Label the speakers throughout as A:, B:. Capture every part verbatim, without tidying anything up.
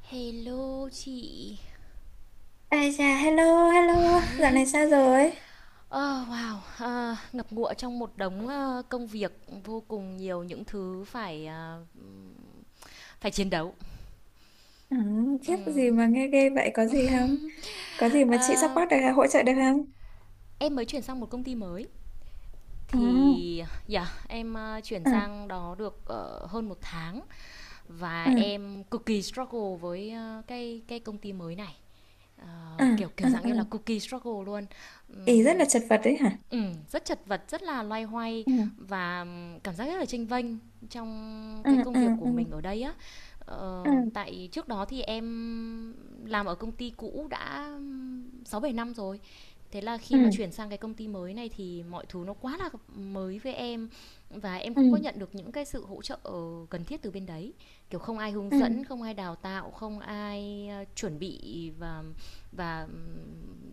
A: Hello chị.
B: Ai chà, hello, hello, dạo này sao rồi?
A: Ờ, wow, à, ngập ngụa trong một đống ờ, công việc, vô cùng nhiều những thứ phải, à, phải chiến đấu.
B: Ừ, khiếp gì
A: Ừm.
B: mà nghe ghê vậy, có gì không? Có gì mà chị
A: Ờ,
B: support được, hỗ trợ được không?
A: em mới chuyển sang một công ty mới
B: Ừ,
A: thì, yeah, em ờ, chuyển
B: ừ,
A: sang đó được ờ, hơn một tháng, và
B: ừ,
A: em cực kỳ struggle với ờ, cái cái công ty mới này.
B: ừ,
A: Ờ, kiểu
B: ừ,
A: kiểu dạng
B: ừ.
A: như là cookie struggle luôn.
B: Ý rất là
A: Ừm,
B: chật vật đấy hả?
A: Ừm, rất chật vật, rất là loay hoay,
B: Ừ,
A: và cảm giác rất là chênh vênh trong
B: ừ,
A: cái công
B: ừ,
A: việc của
B: ừ,
A: mình ở đây á.
B: ừ,
A: Ờ, tại trước đó thì em làm ở công ty cũ đã sáu bảy năm rồi. Thế là khi mà
B: ừ,
A: chuyển sang cái công ty mới này thì mọi thứ nó quá là mới với em, và em
B: ừ,
A: không có nhận được những cái sự hỗ trợ cần thiết từ bên đấy. Kiểu không ai hướng dẫn,
B: ừ,
A: không ai đào tạo, không ai, a, chuẩn bị, và và, ừm,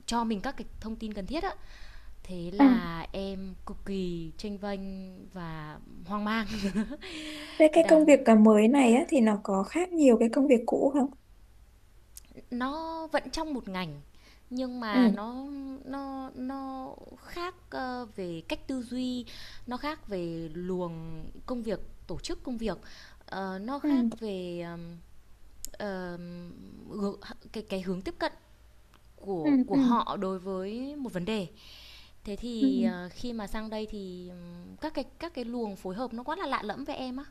A: cho mình các cái thông tin cần thiết á. Thế
B: ừ.
A: là em cực kỳ chênh vênh và hoang mang.
B: Thế cái công việc
A: Đang
B: cả mới này á, thì nó có khác nhiều cái công việc cũ không?
A: nó vẫn trong một ngành, nhưng mà
B: Ừ,
A: nó nó nó khác ờ, về cách tư duy, nó khác về luồng công việc, tổ chức công việc, ờ, nó
B: ừ,
A: khác về ờm, cái cái hướng tiếp cận
B: ừ,
A: của của
B: ừ,
A: họ đối với một vấn đề. Thế
B: ừ,
A: thì ờ, khi mà sang đây thì các cái các cái luồng phối hợp nó quá là lạ lẫm với em á.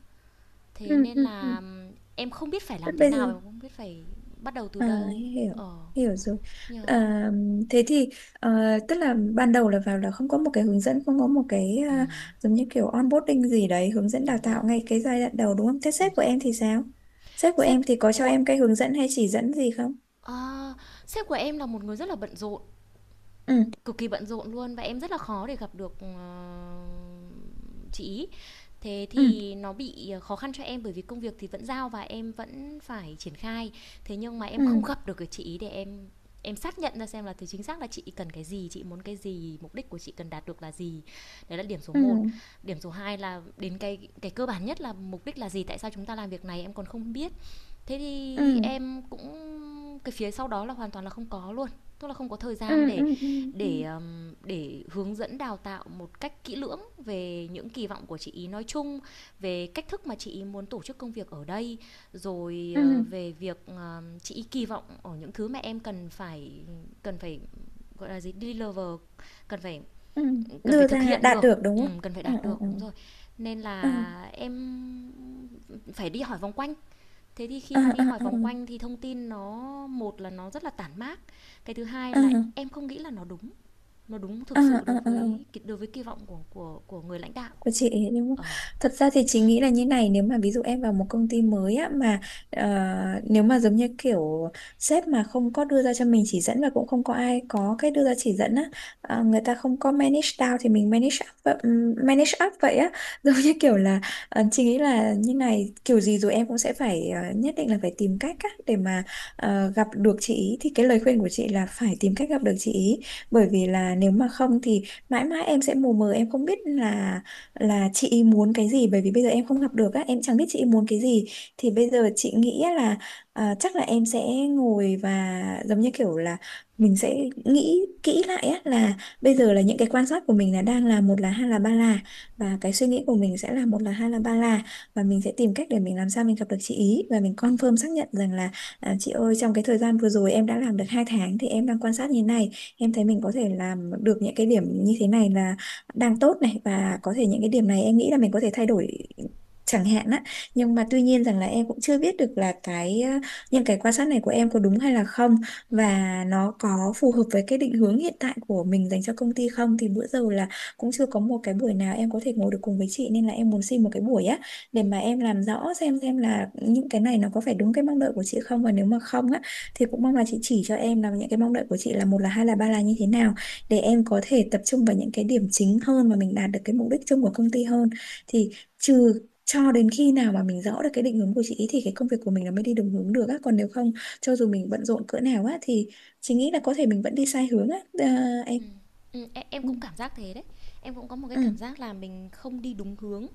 A: Thế
B: ừ,
A: nên
B: ừ, ừ.
A: là em không biết phải
B: Thế
A: làm thế
B: bây giờ...
A: nào, em không biết phải bắt đầu từ
B: À,
A: đâu.
B: hiểu
A: Ờ,
B: hiểu rồi.
A: Nhờ.
B: À, thế thì ờ, tức là ban đầu là vào là không có một cái hướng dẫn, không có một cái à,
A: Ừm,
B: giống như kiểu onboarding gì đấy, hướng dẫn đào
A: đúng rồi,
B: tạo ngay cái giai đoạn đầu, đúng không? Thế
A: đúng
B: sếp của
A: rồi.
B: em thì sao? Sếp của
A: Sếp
B: em thì có cho
A: của
B: em cái hướng dẫn hay chỉ dẫn gì không?
A: ờ, sếp của em là một người rất là bận rộn.
B: Ừ,
A: Cực kỳ bận rộn luôn, và em rất là khó để gặp được ờ, chị ý. Thế
B: ừ,
A: thì nó bị ờ, khó khăn cho em, bởi vì công việc thì vẫn giao và em vẫn phải triển khai. Thế nhưng mà em
B: ừ,
A: không gặp được cái chị ý để em em xác nhận ra xem là từ chính xác là chị cần cái gì, chị muốn cái gì, mục đích của chị cần đạt được là gì. Đấy là điểm số
B: ừ,
A: một. Điểm số hai là đến cái cái cơ bản nhất là mục đích là gì, tại sao chúng ta làm việc này em còn không biết. Thế
B: ừ,
A: thì em cũng, cái phía sau đó là hoàn toàn là không có luôn, tức là không có thời
B: ừ,
A: gian để
B: ừ, ừ, ừ,
A: để, ờm, để hướng dẫn đào tạo một cách kỹ lưỡng về những kỳ vọng của chị ý nói chung, về cách thức mà chị ý muốn tổ chức công việc ở đây, rồi ờ,
B: ừ,
A: về việc, ờ, chị ấy kỳ vọng ở những thứ mà em cần phải, cần phải, gọi là gì, deliver, cần phải
B: ừ.
A: cần phải
B: Đưa
A: thực
B: ra
A: hiện
B: đạt
A: được,
B: được đúng không?
A: ừm, cần phải
B: Ừ,
A: đạt
B: ừ,
A: được,
B: ừ,
A: đúng rồi. Nên
B: ừ,
A: là em phải đi hỏi vòng quanh. Thế thì khi
B: ừ,
A: mà đi
B: ừ,
A: hỏi vòng quanh thì thông tin nó, một là nó rất là tản mác, cái thứ hai
B: ừ,
A: là
B: ừ,
A: em không nghĩ là nó đúng, nó đúng
B: ừ,
A: thực sự
B: ừ,
A: đối
B: ừ.
A: với đối với kỳ vọng của của của người lãnh đạo.
B: Của chị ấy. Nhưng mà
A: Ờ.
B: thật ra thì chị nghĩ là như này, nếu mà ví dụ em vào một công ty mới á, mà ờ, nếu mà giống như kiểu sếp mà không có đưa ra cho mình chỉ dẫn và cũng không có ai có cái đưa ra chỉ dẫn á, ờ, người ta không có manage down thì mình manage up vậy- ừm, manage up vậy á giống như kiểu là, ờ, chị nghĩ là như này, kiểu gì rồi em cũng sẽ phải ờ, nhất định là phải tìm cách á để mà ờ, gặp được chị ý, thì cái lời khuyên của chị là phải tìm cách gặp được chị ý, bởi vì là nếu mà không thì mãi mãi em sẽ mù mờ, em không biết là là chị ý muốn cái gì, bởi vì bây giờ em không gặp được á, em chẳng biết chị ý muốn cái gì. Thì bây giờ chị nghĩ á là, à, chắc là em sẽ ngồi và giống như kiểu là mình sẽ nghĩ kỹ lại á là bây giờ là những cái quan sát của mình là đang là một là hai là ba là, và cái suy nghĩ của mình sẽ là một là hai là ba là, và mình sẽ tìm cách để mình làm sao mình gặp được chị ý và mình confirm xác nhận rằng là, à, chị ơi, trong cái thời gian vừa rồi em đã làm được hai tháng thì em đang quan sát như thế này, em thấy mình có thể làm được những cái điểm như thế này là đang tốt này, và có thể những cái điểm này em nghĩ là mình có thể thay đổi chẳng hạn á. Nhưng mà tuy nhiên rằng là em cũng chưa biết được là cái ờ, những cái quan sát này của em có đúng hay là không,
A: Ừ,
B: và nó có phù hợp với cái định hướng hiện tại của mình dành cho công ty không, thì bữa giờ là cũng chưa có một cái buổi nào em có thể ngồi được cùng với chị, nên là em muốn xin một cái buổi á
A: ừ,
B: để mà em làm rõ xem xem là những cái này nó có phải đúng cái mong đợi của chị không, và nếu mà không á thì cũng mong là chị chỉ cho em là những cái mong đợi của chị là một là hai là ba là như thế nào,
A: ừ,
B: để em có thể tập trung vào những cái điểm chính hơn và mình đạt được cái mục đích chung của công ty hơn. Thì trừ cho đến khi nào mà mình rõ được cái định hướng của chị ý thì cái công việc của mình nó mới đi đúng hướng được á, còn nếu không, cho dù mình bận rộn cỡ nào á thì chị nghĩ là có thể mình vẫn đi sai hướng á, à,
A: ừ.
B: em
A: Ừ, e- em
B: ừ,
A: cũng cảm giác thế đấy. Em cũng có một cái
B: ừ,
A: cảm giác là mình không đi đúng hướng,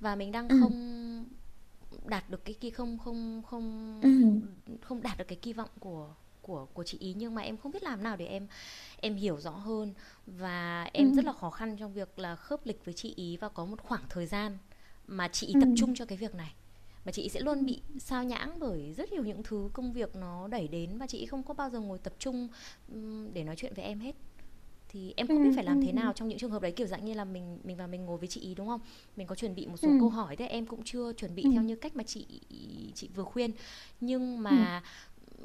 A: và mình đang
B: ừ,
A: không đạt được cái kỳ không không
B: ừ,
A: không không đạt được cái kỳ vọng của của của chị ý, nhưng mà em không biết làm nào để em em hiểu rõ hơn. Và
B: ừ,
A: em rất là khó khăn trong việc là khớp lịch với chị ý, và có một khoảng thời gian mà chị ý
B: ừ,
A: tập trung cho cái việc này, mà chị ý sẽ
B: ừ,
A: luôn bị sao nhãng bởi rất nhiều những thứ công việc nó đẩy đến, và chị ý không có bao giờ ngồi tập trung để nói chuyện với em hết. Thì em không biết phải làm thế
B: ừ,
A: nào trong những trường hợp đấy, kiểu dạng như là, mình mình vào mình ngồi với chị ý đúng không? Mình có chuẩn bị một
B: ừ,
A: số câu
B: ừ,
A: hỏi, thế em cũng chưa chuẩn bị
B: ừ,
A: theo như cách mà chị chị vừa khuyên. Nhưng
B: ừ,
A: mà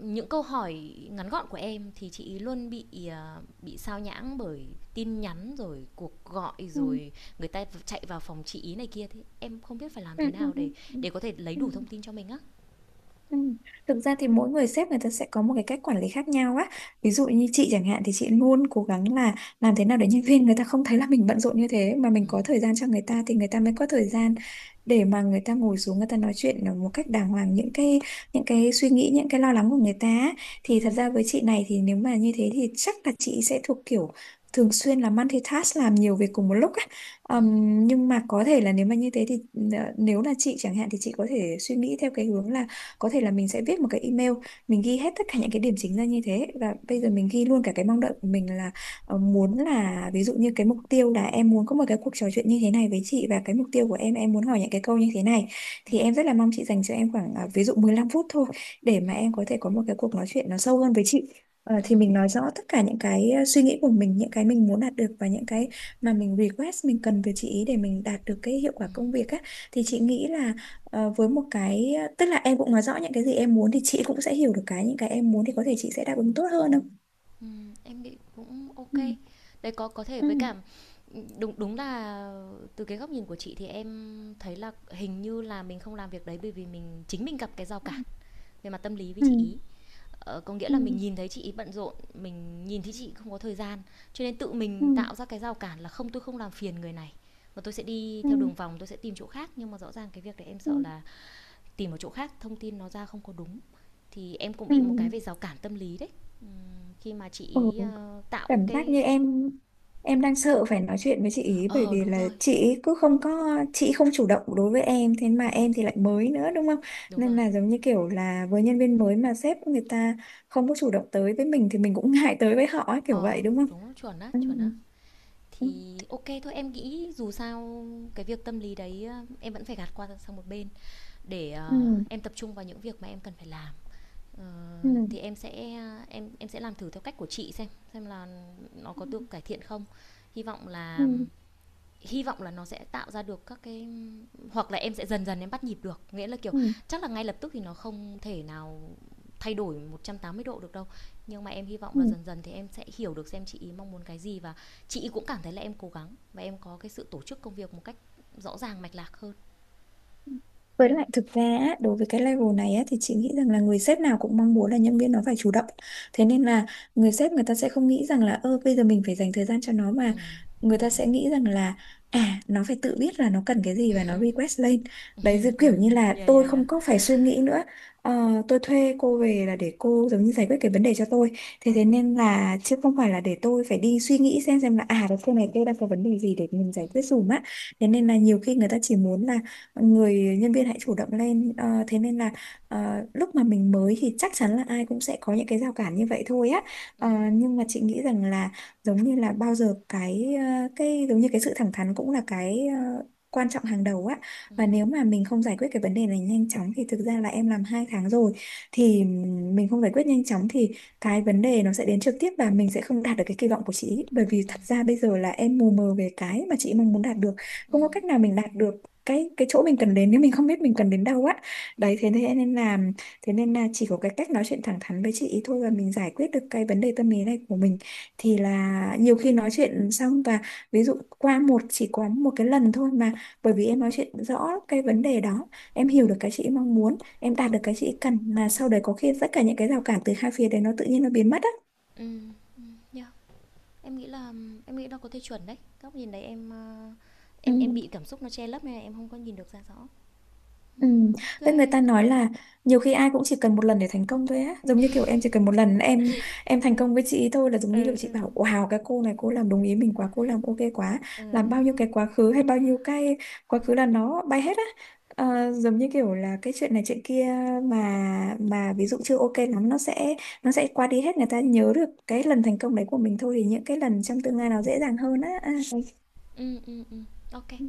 A: những câu hỏi ngắn gọn của em thì chị ý luôn bị, ờ, bị sao nhãng bởi tin nhắn, rồi cuộc gọi,
B: ừ, ừ,
A: rồi người ta chạy vào phòng chị ý này kia. Thế em không biết phải làm
B: ừ,
A: thế
B: ừ,
A: nào để
B: ừ,
A: để có thể lấy
B: ừ.
A: đủ thông tin cho mình á.
B: Ừ. Thực ra thì mỗi người sếp người ta sẽ có một cái cách quản lý khác nhau á. Ví dụ như chị chẳng hạn thì chị luôn cố gắng là làm thế nào để nhân viên người ta không thấy là mình bận rộn như thế, mà mình có thời gian cho người ta thì người ta mới có thời gian để mà người ta ngồi xuống người ta nói chuyện một cách đàng hoàng những cái những cái suy nghĩ những cái lo lắng của người ta á. Thì thật ra với chị này thì nếu mà như thế thì chắc là chị sẽ thuộc kiểu thường xuyên là multitask làm nhiều việc cùng một lúc á. Ờm,
A: Ừm,
B: nhưng mà có thể là nếu mà như thế thì ờ, nếu là chị chẳng hạn thì chị có thể suy nghĩ theo cái hướng là có thể là mình sẽ viết một cái email, mình ghi hết tất cả những cái điểm chính ra như thế và bây giờ mình ghi luôn cả cái mong đợi của mình là ờ, muốn là, ví dụ như cái mục tiêu là em muốn có một cái cuộc trò chuyện như thế này với chị, và cái mục tiêu của em em muốn hỏi những cái câu như thế này, thì em rất là mong chị dành cho em khoảng à, ví dụ mười lăm phút thôi, để mà
A: ừm,
B: em có thể có một cái cuộc nói chuyện nó sâu hơn với chị. Ờ, thì
A: ừm.
B: mình nói rõ tất cả những cái ờ, suy nghĩ của mình, những cái mình muốn đạt được và những cái mà mình request mình cần từ chị ý để mình đạt được cái hiệu quả công việc á, thì chị nghĩ là Ờ, với một cái, tức là em cũng nói rõ những cái gì em muốn thì chị cũng sẽ hiểu được cái những cái em muốn, thì có thể chị sẽ đáp ứng tốt hơn không?
A: Ừm, em nghĩ cũng ok
B: Ừ,
A: kê. Đấy, có có thể
B: ừ,
A: với cả, đúng đúng là từ cái góc nhìn của chị, thì em thấy là hình như là mình không làm việc đấy bởi vì mình, chính mình gặp cái rào cản về mặt tâm lý với
B: ừ,
A: chị ý. Ờ, có nghĩa là mình
B: ừ,
A: nhìn thấy chị ấy bận rộn, mình nhìn thấy chị không có thời gian, cho nên tự
B: ừ,
A: mình tạo ra cái rào cản là không, tôi không làm phiền người này, mà tôi sẽ đi
B: ừ,
A: theo đường vòng, tôi sẽ tìm chỗ khác. Nhưng mà rõ ràng cái việc đấy em
B: ừ,
A: sợ là tìm một chỗ khác thông tin nó ra không có đúng, thì em cũng
B: ừ.
A: bị một cái về rào cản tâm lý đấy. Ừm, khi mà chị
B: Ừ,
A: ý ờ, tạo
B: cảm giác như
A: cái,
B: em em đang sợ phải nói chuyện với chị ý, bởi
A: ờ
B: vì
A: đúng
B: là
A: rồi.
B: chị ý cứ không có, chị không chủ động đối với em, thế mà
A: Ừm,
B: em thì lại mới nữa đúng không?
A: đúng
B: Nên
A: rồi.
B: là giống như kiểu là với nhân viên mới mà sếp người ta không có chủ động tới với mình thì mình cũng ngại tới với họ ấy, kiểu
A: Ờ,
B: vậy đúng không?
A: đúng chuẩn á,
B: Ừ,
A: chuẩn á.
B: ừ,
A: Thì ok thôi, em nghĩ dù sao cái việc tâm lý đấy ờ, em vẫn phải gạt qua sang một bên để ờ,
B: ừ,
A: em tập trung vào những việc mà em cần phải làm. Ờ,
B: ừ.
A: thì em sẽ em em sẽ làm thử theo cách của chị xem xem là nó
B: Ừ,
A: có được cải thiện không. hy vọng là
B: ừ,
A: Hy vọng là nó sẽ tạo ra được các cái, hoặc là em sẽ dần dần em bắt nhịp được. Nghĩa là kiểu,
B: ừ.
A: chắc là ngay lập tức thì nó không thể nào thay đổi một trăm tám mươi độ được đâu, nhưng mà em hy vọng
B: Ừ.
A: là dần dần thì em sẽ hiểu được xem chị ý mong muốn cái gì, và chị ý cũng cảm thấy là em cố gắng và em có cái sự tổ chức công việc một cách rõ ràng mạch lạc hơn. Ừ,
B: Với lại thực ra á, đối với cái level này á, thì chị nghĩ rằng là người sếp nào cũng mong muốn là nhân viên nó phải chủ động. Thế nên là người sếp người ta sẽ không nghĩ rằng là ơ bây giờ mình phải dành thời gian cho nó,
A: ừ,
B: mà
A: ừ,
B: người ta sẽ nghĩ rằng là à, nó phải tự biết là nó cần cái gì và nó request lên.
A: ừ,
B: Đấy, giống
A: ừ,
B: kiểu như
A: ừ,
B: là
A: yeah,
B: tôi
A: yeah, yeah,
B: không có phải suy nghĩ nữa. Ờ, tôi thuê cô về là để cô giống như giải quyết cái vấn đề cho tôi. Thế
A: ừ,
B: thế nên là, chứ không phải là để tôi phải đi suy nghĩ xem xem là à, cái cô này cô đang có vấn đề gì để mình
A: ừ,
B: giải quyết dùm á. Thế nên là nhiều khi người ta chỉ muốn là người nhân viên hãy chủ động lên. Ờ, thế nên là ờ, lúc mà mình mới thì chắc chắn là ai cũng sẽ có những cái rào cản như vậy thôi á.
A: ừ,
B: Ờ, nhưng mà chị nghĩ rằng là giống như là bao giờ cái ờ, cái giống như cái sự thẳng thắn cũng là cái ờ, quan trọng hàng đầu á,
A: ừ, ừ.
B: và nếu mà mình không giải quyết cái vấn đề này nhanh chóng thì thực ra là em làm hai tháng rồi, thì mình không giải quyết nhanh chóng thì cái vấn đề nó sẽ đến trực tiếp và mình sẽ không đạt được cái kỳ vọng của chị, bởi vì thật ra bây giờ là em mù mờ về cái mà chị mong muốn đạt được, không có cách nào mình đạt được cái cái chỗ mình cần đến nếu mình không biết mình cần đến đâu á. Đấy, thế thế nên là thế nên là chỉ có cái cách nói chuyện thẳng thắn với chị ý thôi, và mình giải quyết được cái vấn đề tâm lý này của mình, thì là nhiều khi nói chuyện xong, và ví dụ qua một chỉ có một cái lần thôi mà, bởi vì em nói chuyện rõ cái vấn đề đó, em hiểu được cái chị mong muốn, em đạt được cái chị cần, là sau đấy có khi tất cả những cái rào cản từ hai phía đấy nó tự nhiên nó biến mất á.
A: Ừ. Yeah. Em nghĩ là em nghĩ nó có thể chuẩn đấy. Góc nhìn đấy em, a,
B: Ừ.
A: em em bị cảm xúc nó che lấp nên là em không có nhìn được ra rõ.
B: Ừ.
A: Ừm, OK
B: Với, người
A: kê,
B: ta
A: thank.
B: nói là nhiều khi ai cũng chỉ cần một lần để thành công thôi á, giống như kiểu em chỉ cần một lần em em thành công với chị ý thôi, là giống như kiểu
A: Ừ,
B: chị bảo
A: ừ,
B: wow, cái cô này cô làm đúng ý mình quá, cô làm ok quá,
A: ờ.
B: làm bao nhiêu cái quá khứ hay bao nhiêu cái quá khứ là nó bay hết á. Ờ, giống như kiểu là cái chuyện này chuyện kia, mà mà ví dụ chưa ok lắm, nó sẽ nó sẽ qua đi hết, người ta nhớ được cái lần thành công đấy của mình thôi, thì những cái lần trong tương lai nó dễ dàng hơn á, à.
A: Ừm, ừm, ừm, ô kê.
B: Ừ.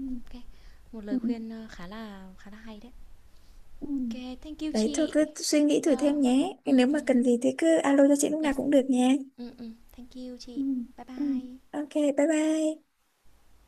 A: Một lời
B: Ừ. Ừ.
A: khuyên, ơ, khá là khá là hay đấy.
B: Ừ.
A: OK kê, thank you
B: Đấy,
A: chị.
B: thôi cứ suy nghĩ thử
A: Yeah.
B: thêm nhé.
A: Ừm,
B: Nếu mà
A: ừm,
B: cần gì thì cứ alo cho chị lúc nào
A: yes.
B: cũng được nha.
A: Ừm, ừm, thank you
B: Ừ.
A: chị. Bye
B: Ừ.
A: bye.
B: Ok, bye bye.